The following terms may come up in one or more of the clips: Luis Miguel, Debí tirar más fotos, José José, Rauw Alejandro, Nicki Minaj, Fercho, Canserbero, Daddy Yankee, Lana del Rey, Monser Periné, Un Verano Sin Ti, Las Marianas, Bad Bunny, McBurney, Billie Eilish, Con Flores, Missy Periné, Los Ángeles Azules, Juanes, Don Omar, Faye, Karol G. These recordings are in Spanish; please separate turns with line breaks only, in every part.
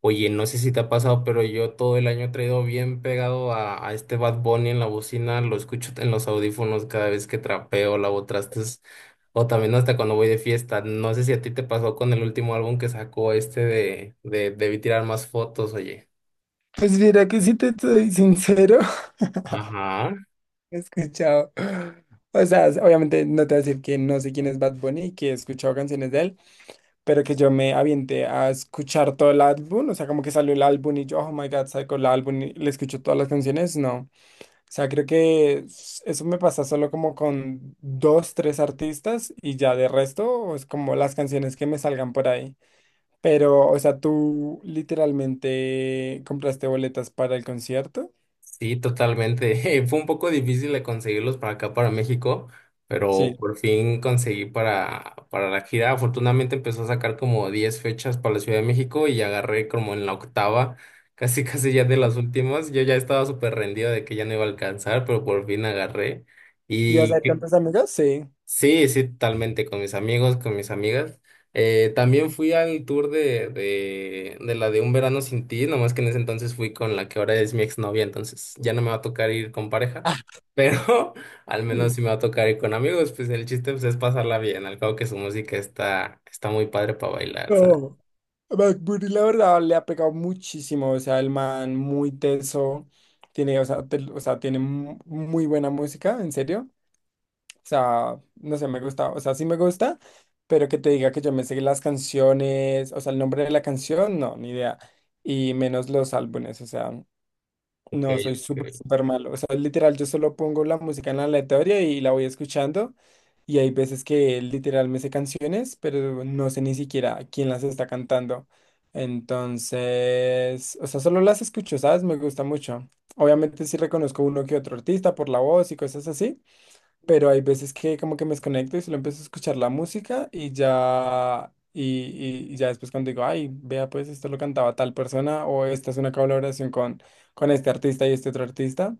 Oye, no sé si te ha pasado, pero yo todo el año he traído bien pegado a este Bad Bunny en la bocina, lo escucho en los audífonos cada vez que trapeo, lavo trastes, o también hasta cuando voy de fiesta. No sé si a ti te pasó con el último álbum que sacó este de Debí tirar más fotos, oye.
Pues mira que si te soy sincero,
Ajá.
he escuchado. O sea, obviamente no te voy a decir que no sé quién es Bad Bunny y que he escuchado canciones de él, pero que yo me avienté a escuchar todo el álbum, o sea, como que salió el álbum y yo, oh my God, saco el álbum y le escucho todas las canciones, no. O sea, creo que eso me pasa solo como con dos, tres artistas y ya de resto es como las canciones que me salgan por ahí. Pero, o sea, tú literalmente compraste boletas para el concierto.
Sí, totalmente. Fue un poco difícil de conseguirlos para acá, para México, pero
Sí.
por fin conseguí para la gira. Afortunadamente empezó a sacar como 10 fechas para la Ciudad de México y agarré como en la octava, casi casi ya de las últimas. Yo ya estaba súper rendido de que ya no iba a alcanzar, pero por fin agarré. Mm.
¿Y vas a ver tantas amigas? Sí.
Sí, sí, totalmente, con mis amigos, con mis amigas. También fui al tour de la de Un Verano Sin Ti, nomás que en ese entonces fui con la que ahora es mi exnovia, entonces ya no me va a tocar ir con pareja,
Ah,
pero al menos sí me va a tocar ir con amigos, pues el chiste pues, es pasarla bien, al cabo que su música está, está muy padre para bailar, ¿sabes?
no, McBurney, la verdad, le ha pegado muchísimo. O sea, el man muy teso. Tiene, o sea, o sea, tiene muy buena música, en serio. O sea, no sé, me gusta. O sea, sí me gusta, pero que te diga que yo me sé las canciones, o sea, el nombre de la canción, no, ni idea. Y menos los álbumes, o sea.
Ok,
No, soy súper,
ok.
súper malo. O sea, literal, yo solo pongo la música en la aleatoria y la voy escuchando. Y hay veces que literal me sé canciones, pero no sé ni siquiera quién las está cantando. Entonces, o sea, solo las escucho, ¿sabes? Me gusta mucho. Obviamente sí reconozco uno que otro artista por la voz y cosas así, pero hay veces que como que me desconecto y solo empiezo a escuchar la música y ya, y ya después cuando digo, ay, vea, pues esto lo cantaba tal persona o esta es una colaboración con este artista y este otro artista,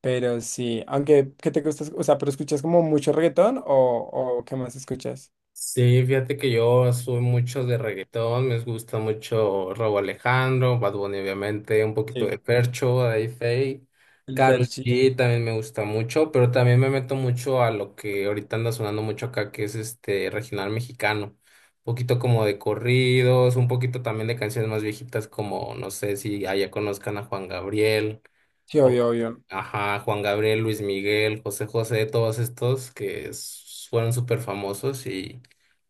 pero sí, aunque, ¿qué te gusta? O sea, ¿pero escuchas como mucho reggaetón o qué más escuchas?
Sí, fíjate que yo soy mucho de reggaetón, me gusta mucho Rauw Alejandro, Bad Bunny obviamente, un poquito
Sí.
de Fercho, de Faye,
El
Karol
Ferchi,
G también me gusta mucho, pero también me meto mucho a lo que ahorita anda sonando mucho acá, que es este regional mexicano, un poquito como de corridos, un poquito también de canciones más viejitas como, no sé si allá conozcan a Juan Gabriel.
sí, obvio, obvio.
Ajá, Juan Gabriel, Luis Miguel, José José, todos estos que fueron súper famosos y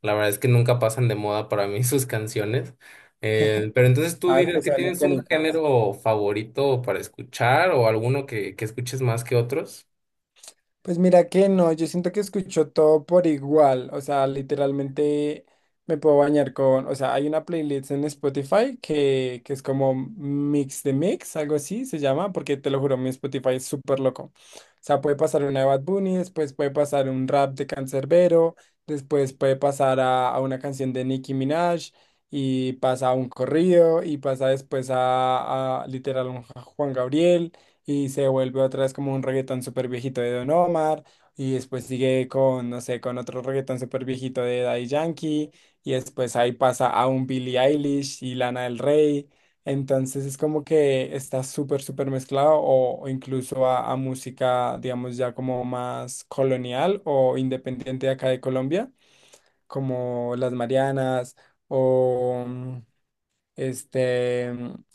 la verdad es que nunca pasan de moda para mí sus canciones. Pero entonces tú
Ah, es
dirías
que
que
son
tienes un
icónicas.
género favorito para escuchar o alguno que escuches más que otros.
Pues mira que no, yo siento que escucho todo por igual, o sea, literalmente me puedo bañar con, o sea, hay una playlist en Spotify que es como Mix de Mix, algo así se llama, porque te lo juro, mi Spotify es súper loco. O sea, puede pasar una de Bad Bunny, después puede pasar un rap de Canserbero, después puede pasar a una canción de Nicki Minaj, y pasa a un corrido, y pasa después a literal un Juan Gabriel. Y se vuelve otra vez como un reggaetón súper viejito de Don Omar. Y después sigue con, no sé, con otro reggaetón súper viejito de Daddy Yankee. Y después ahí pasa a un Billie Eilish y Lana del Rey. Entonces es como que está súper, súper mezclado o incluso a música, digamos, ya como más colonial o independiente de acá de Colombia, como Las Marianas o este,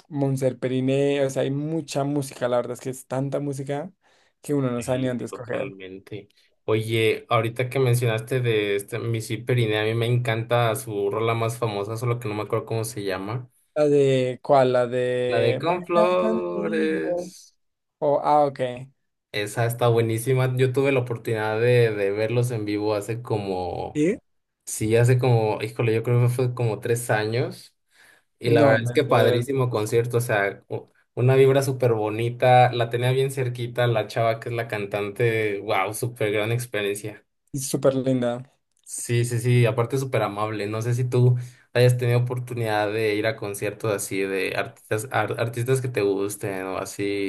Monser Periné, o sea, hay mucha música, la verdad es que es tanta música que uno no sabe ni
Sí,
dónde escoger.
totalmente. Oye, ahorita que mencionaste de este Missy Periné, a mí me encanta su rola más famosa, solo que no me acuerdo cómo se llama.
La de, ¿cuál? La
La de
de
Con
Bailar contigo.
Flores.
Oh, ah, ok.
Esa está buenísima. Yo tuve la oportunidad de verlos en vivo hace como,
¿Sí?
sí, hace como, híjole, yo creo que fue como 3 años. Y la
No,
verdad es que padrísimo concierto, o sea, una vibra súper bonita. La tenía bien cerquita la chava que es la cantante. Wow, súper gran experiencia.
es súper linda.
Sí, sí, sí, aparte súper amable. No sé si tú hayas tenido oportunidad de ir a conciertos así de artistas, artistas que te gusten o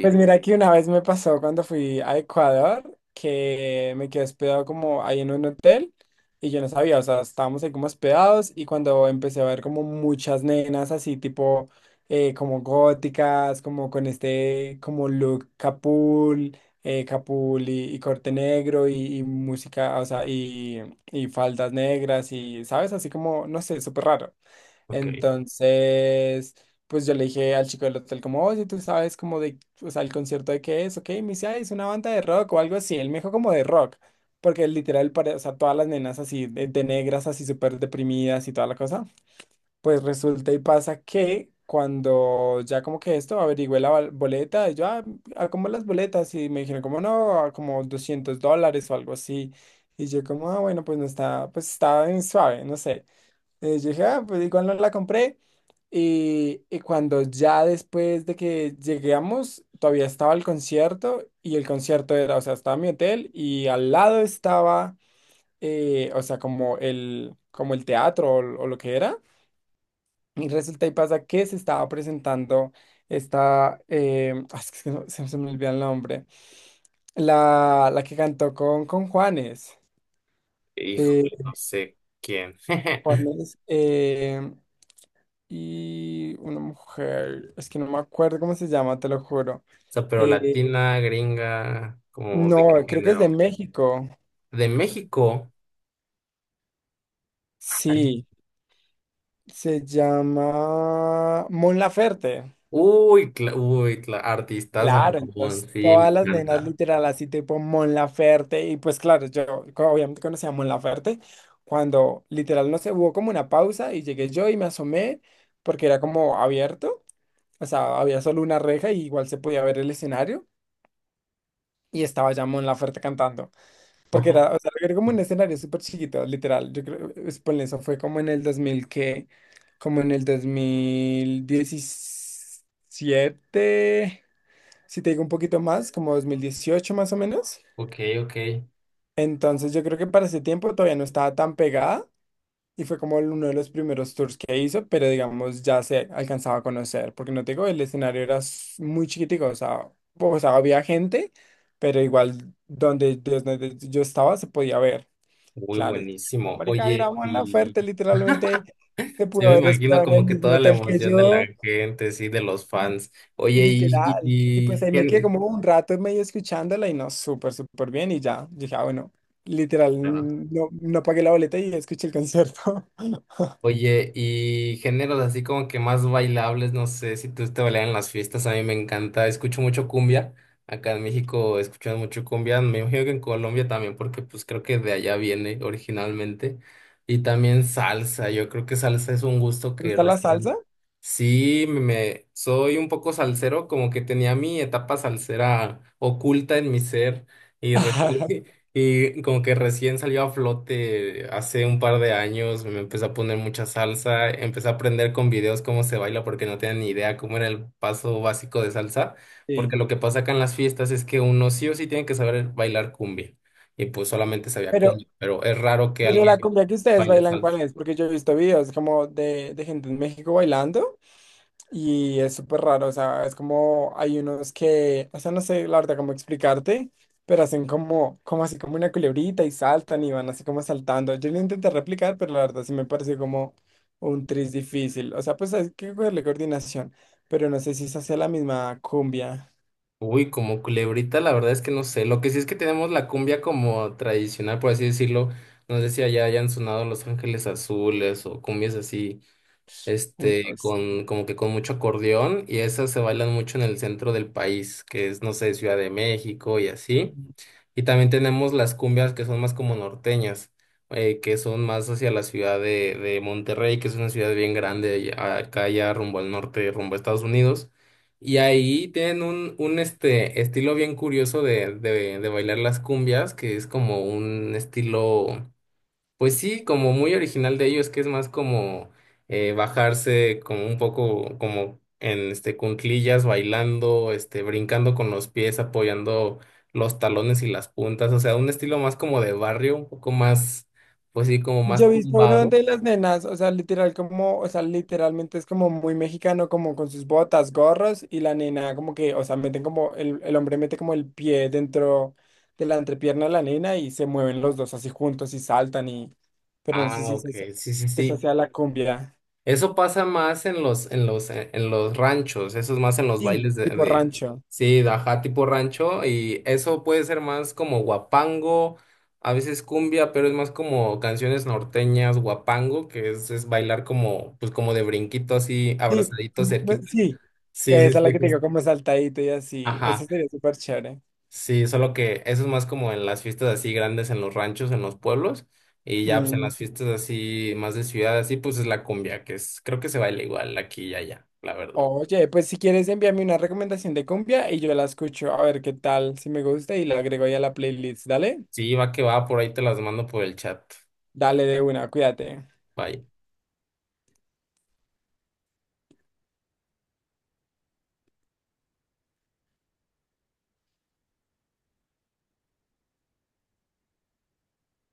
Pues mira que una vez me pasó cuando fui a Ecuador que me quedé hospedado como ahí en un hotel y yo no sabía, o sea, estábamos ahí como hospedados y cuando empecé a ver como muchas nenas así tipo como góticas, como con este como look capul, capul y corte negro y música, o sea, y faldas negras y, ¿sabes? Así como, no sé, súper raro.
Ok.
Entonces, pues yo le dije al chico del hotel como, oye, tú sabes como de, o sea, el concierto de qué es, ok, me dice, "Ay, es una banda de rock o algo así, él me dijo como de rock, porque literal, o sea, todas las nenas así de negras, así súper deprimidas y toda la cosa, pues resulta y pasa que cuando ya como que esto, averigüé la boleta, y yo, ah, ah, ¿cómo las boletas? Y me dijeron como, no, ah, como $200 o algo así, y yo como, ah, bueno, pues no está, pues estaba en suave, no sé. Yo dije, ah, pues igual no la compré. Y cuando ya después de que llegamos, todavía estaba el concierto y el concierto era, o sea, estaba mi hotel y al lado estaba, o sea, como el teatro o lo que era. Y resulta y pasa que se estaba presentando esta, ah, es que se me olvida el nombre, la que cantó con Juanes.
Híjole,
eh,
no sé quién.
Juanes, y una mujer, es que no me acuerdo cómo se llama, te lo juro.
O sea, pero
Eh,
latina, gringa, como de qué
no, creo que es de
género.
México.
De México. Ay,
Sí, se llama Mon Laferte.
uy, artistas a
Claro,
montón,
entonces
sí, me
todas las nenas
encanta.
literal así tipo Mon Laferte y pues claro, yo obviamente conocía a Mon Laferte cuando literal no se hubo como una pausa y llegué yo y me asomé porque era como abierto, o sea, había solo una reja y igual se podía ver el escenario y estaba ya Mon Laferte cantando. Porque
Ojo,
era, o sea, era como un escenario súper chiquito, literal. Yo creo, ponle, eso fue como en el 2000 que, como en el 2017 si te digo un poquito más, como 2018 más o menos.
ok, ok.
Entonces yo creo que para ese tiempo todavía no estaba tan pegada y fue como uno de los primeros tours que hizo, pero digamos ya se alcanzaba a conocer, porque no te digo, el escenario era muy chiquitico, o sea, había gente, pero igual donde, desde donde yo estaba se podía ver.
Muy
Claro, como
buenísimo.
marica, era
Oye,
la
y
oferta, literalmente se
sí
pudo
me
haber
imagino
hospedado en el
como que
mismo
toda la
hotel que
emoción de la
yo,
gente, sí, de los fans. Oye,
literal. Y pues ahí me quedé como un rato medio escuchándola y no, súper, súper bien y ya. Dije, ah, bueno, literal, no, no pagué la boleta y escuché el concierto.
oye, y géneros así como que más bailables, no sé si tú te bailan en las fiestas, a mí me encanta, escucho mucho cumbia, acá en México escuchan mucho cumbia, me imagino que en Colombia también, porque pues creo que de allá viene originalmente, y también salsa, yo creo que salsa es un gusto
¿Te
que
gusta la
recién.
salsa?
Sí, soy un poco salsero, como que tenía mi etapa salsera oculta en mi ser y,
Ajá,
y como que recién salió a flote hace un par de años, me empecé a poner mucha salsa, empecé a aprender con videos cómo se baila porque no tenía ni idea cómo era el paso básico de salsa, porque
sí.
lo que pasa acá en las fiestas es que uno sí o sí tiene que saber bailar cumbia y pues solamente sabía
Pero,
cumbia, pero es raro que
pero la
alguien
cumbia que ustedes
baile
bailan,
salsa.
¿cuál es? Porque yo he visto videos como de gente en México bailando. Y es súper raro, o sea, es como hay unos que, o sea, no sé la verdad cómo explicarte, pero hacen como, como así como una culebrita y saltan y van así como saltando. Yo lo intenté replicar, pero la verdad sí me pareció como un tris difícil. O sea, pues hay que cogerle coordinación, pero no sé si es hacia la misma cumbia.
Uy, como culebrita, la verdad es que no sé. Lo que sí es que tenemos la cumbia como tradicional, por así decirlo. No sé si allá hayan sonado Los Ángeles Azules o cumbias así,
Uy,
este,
Dios.
con, como que con mucho acordeón, y esas se bailan mucho en el centro del país, que es, no sé, Ciudad de México y así. Y también tenemos las cumbias que son más como norteñas, que son más hacia la ciudad de Monterrey, que es una ciudad bien grande acá ya rumbo al norte, rumbo a Estados Unidos. Y ahí tienen un, un estilo bien curioso de bailar las cumbias, que es como un estilo pues sí, como muy original de ellos, que es más como bajarse como un poco como en este cunclillas, bailando, brincando con los pies, apoyando los talones y las puntas, o sea, un estilo más como de barrio, un poco más, pues sí, como
Yo he
más
visto uno
tumbado.
de las nenas, o sea, literal como, o sea, literalmente es como muy mexicano, como con sus botas, gorros, y la nena como que, o sea, meten como, el hombre mete como el pie dentro de la entrepierna de la nena y se mueven los dos así juntos y saltan y, pero no sé
Ah,
si
ok, sí, sí,
esa
sí.
sea la cumbia.
Eso pasa más en los, en los ranchos, eso es más en los
Sí,
bailes
tipo rancho.
sí, de ajá, tipo rancho, y eso puede ser más como guapango, a veces cumbia, pero es más como canciones norteñas, guapango, que es bailar como, pues como de brinquito así,
Sí,
abrazadito, cerquita.
sí,
Sí, sí,
esa es la
sí,
que tengo
justo.
como saltadito y así, eso
Ajá.
sería súper chévere.
Sí, solo que eso es más como en las fiestas así grandes en los ranchos, en los pueblos, y ya pues en las fiestas así más de ciudad, así pues es la cumbia, que es, creo que se baila igual aquí y allá, la verdad.
Oye, pues si quieres envíame una recomendación de cumbia y yo la escucho a ver qué tal, si me gusta y la agrego ya a la playlist, dale,
Sí, va que va, por ahí te las mando por el chat.
dale de una, cuídate.
Bye.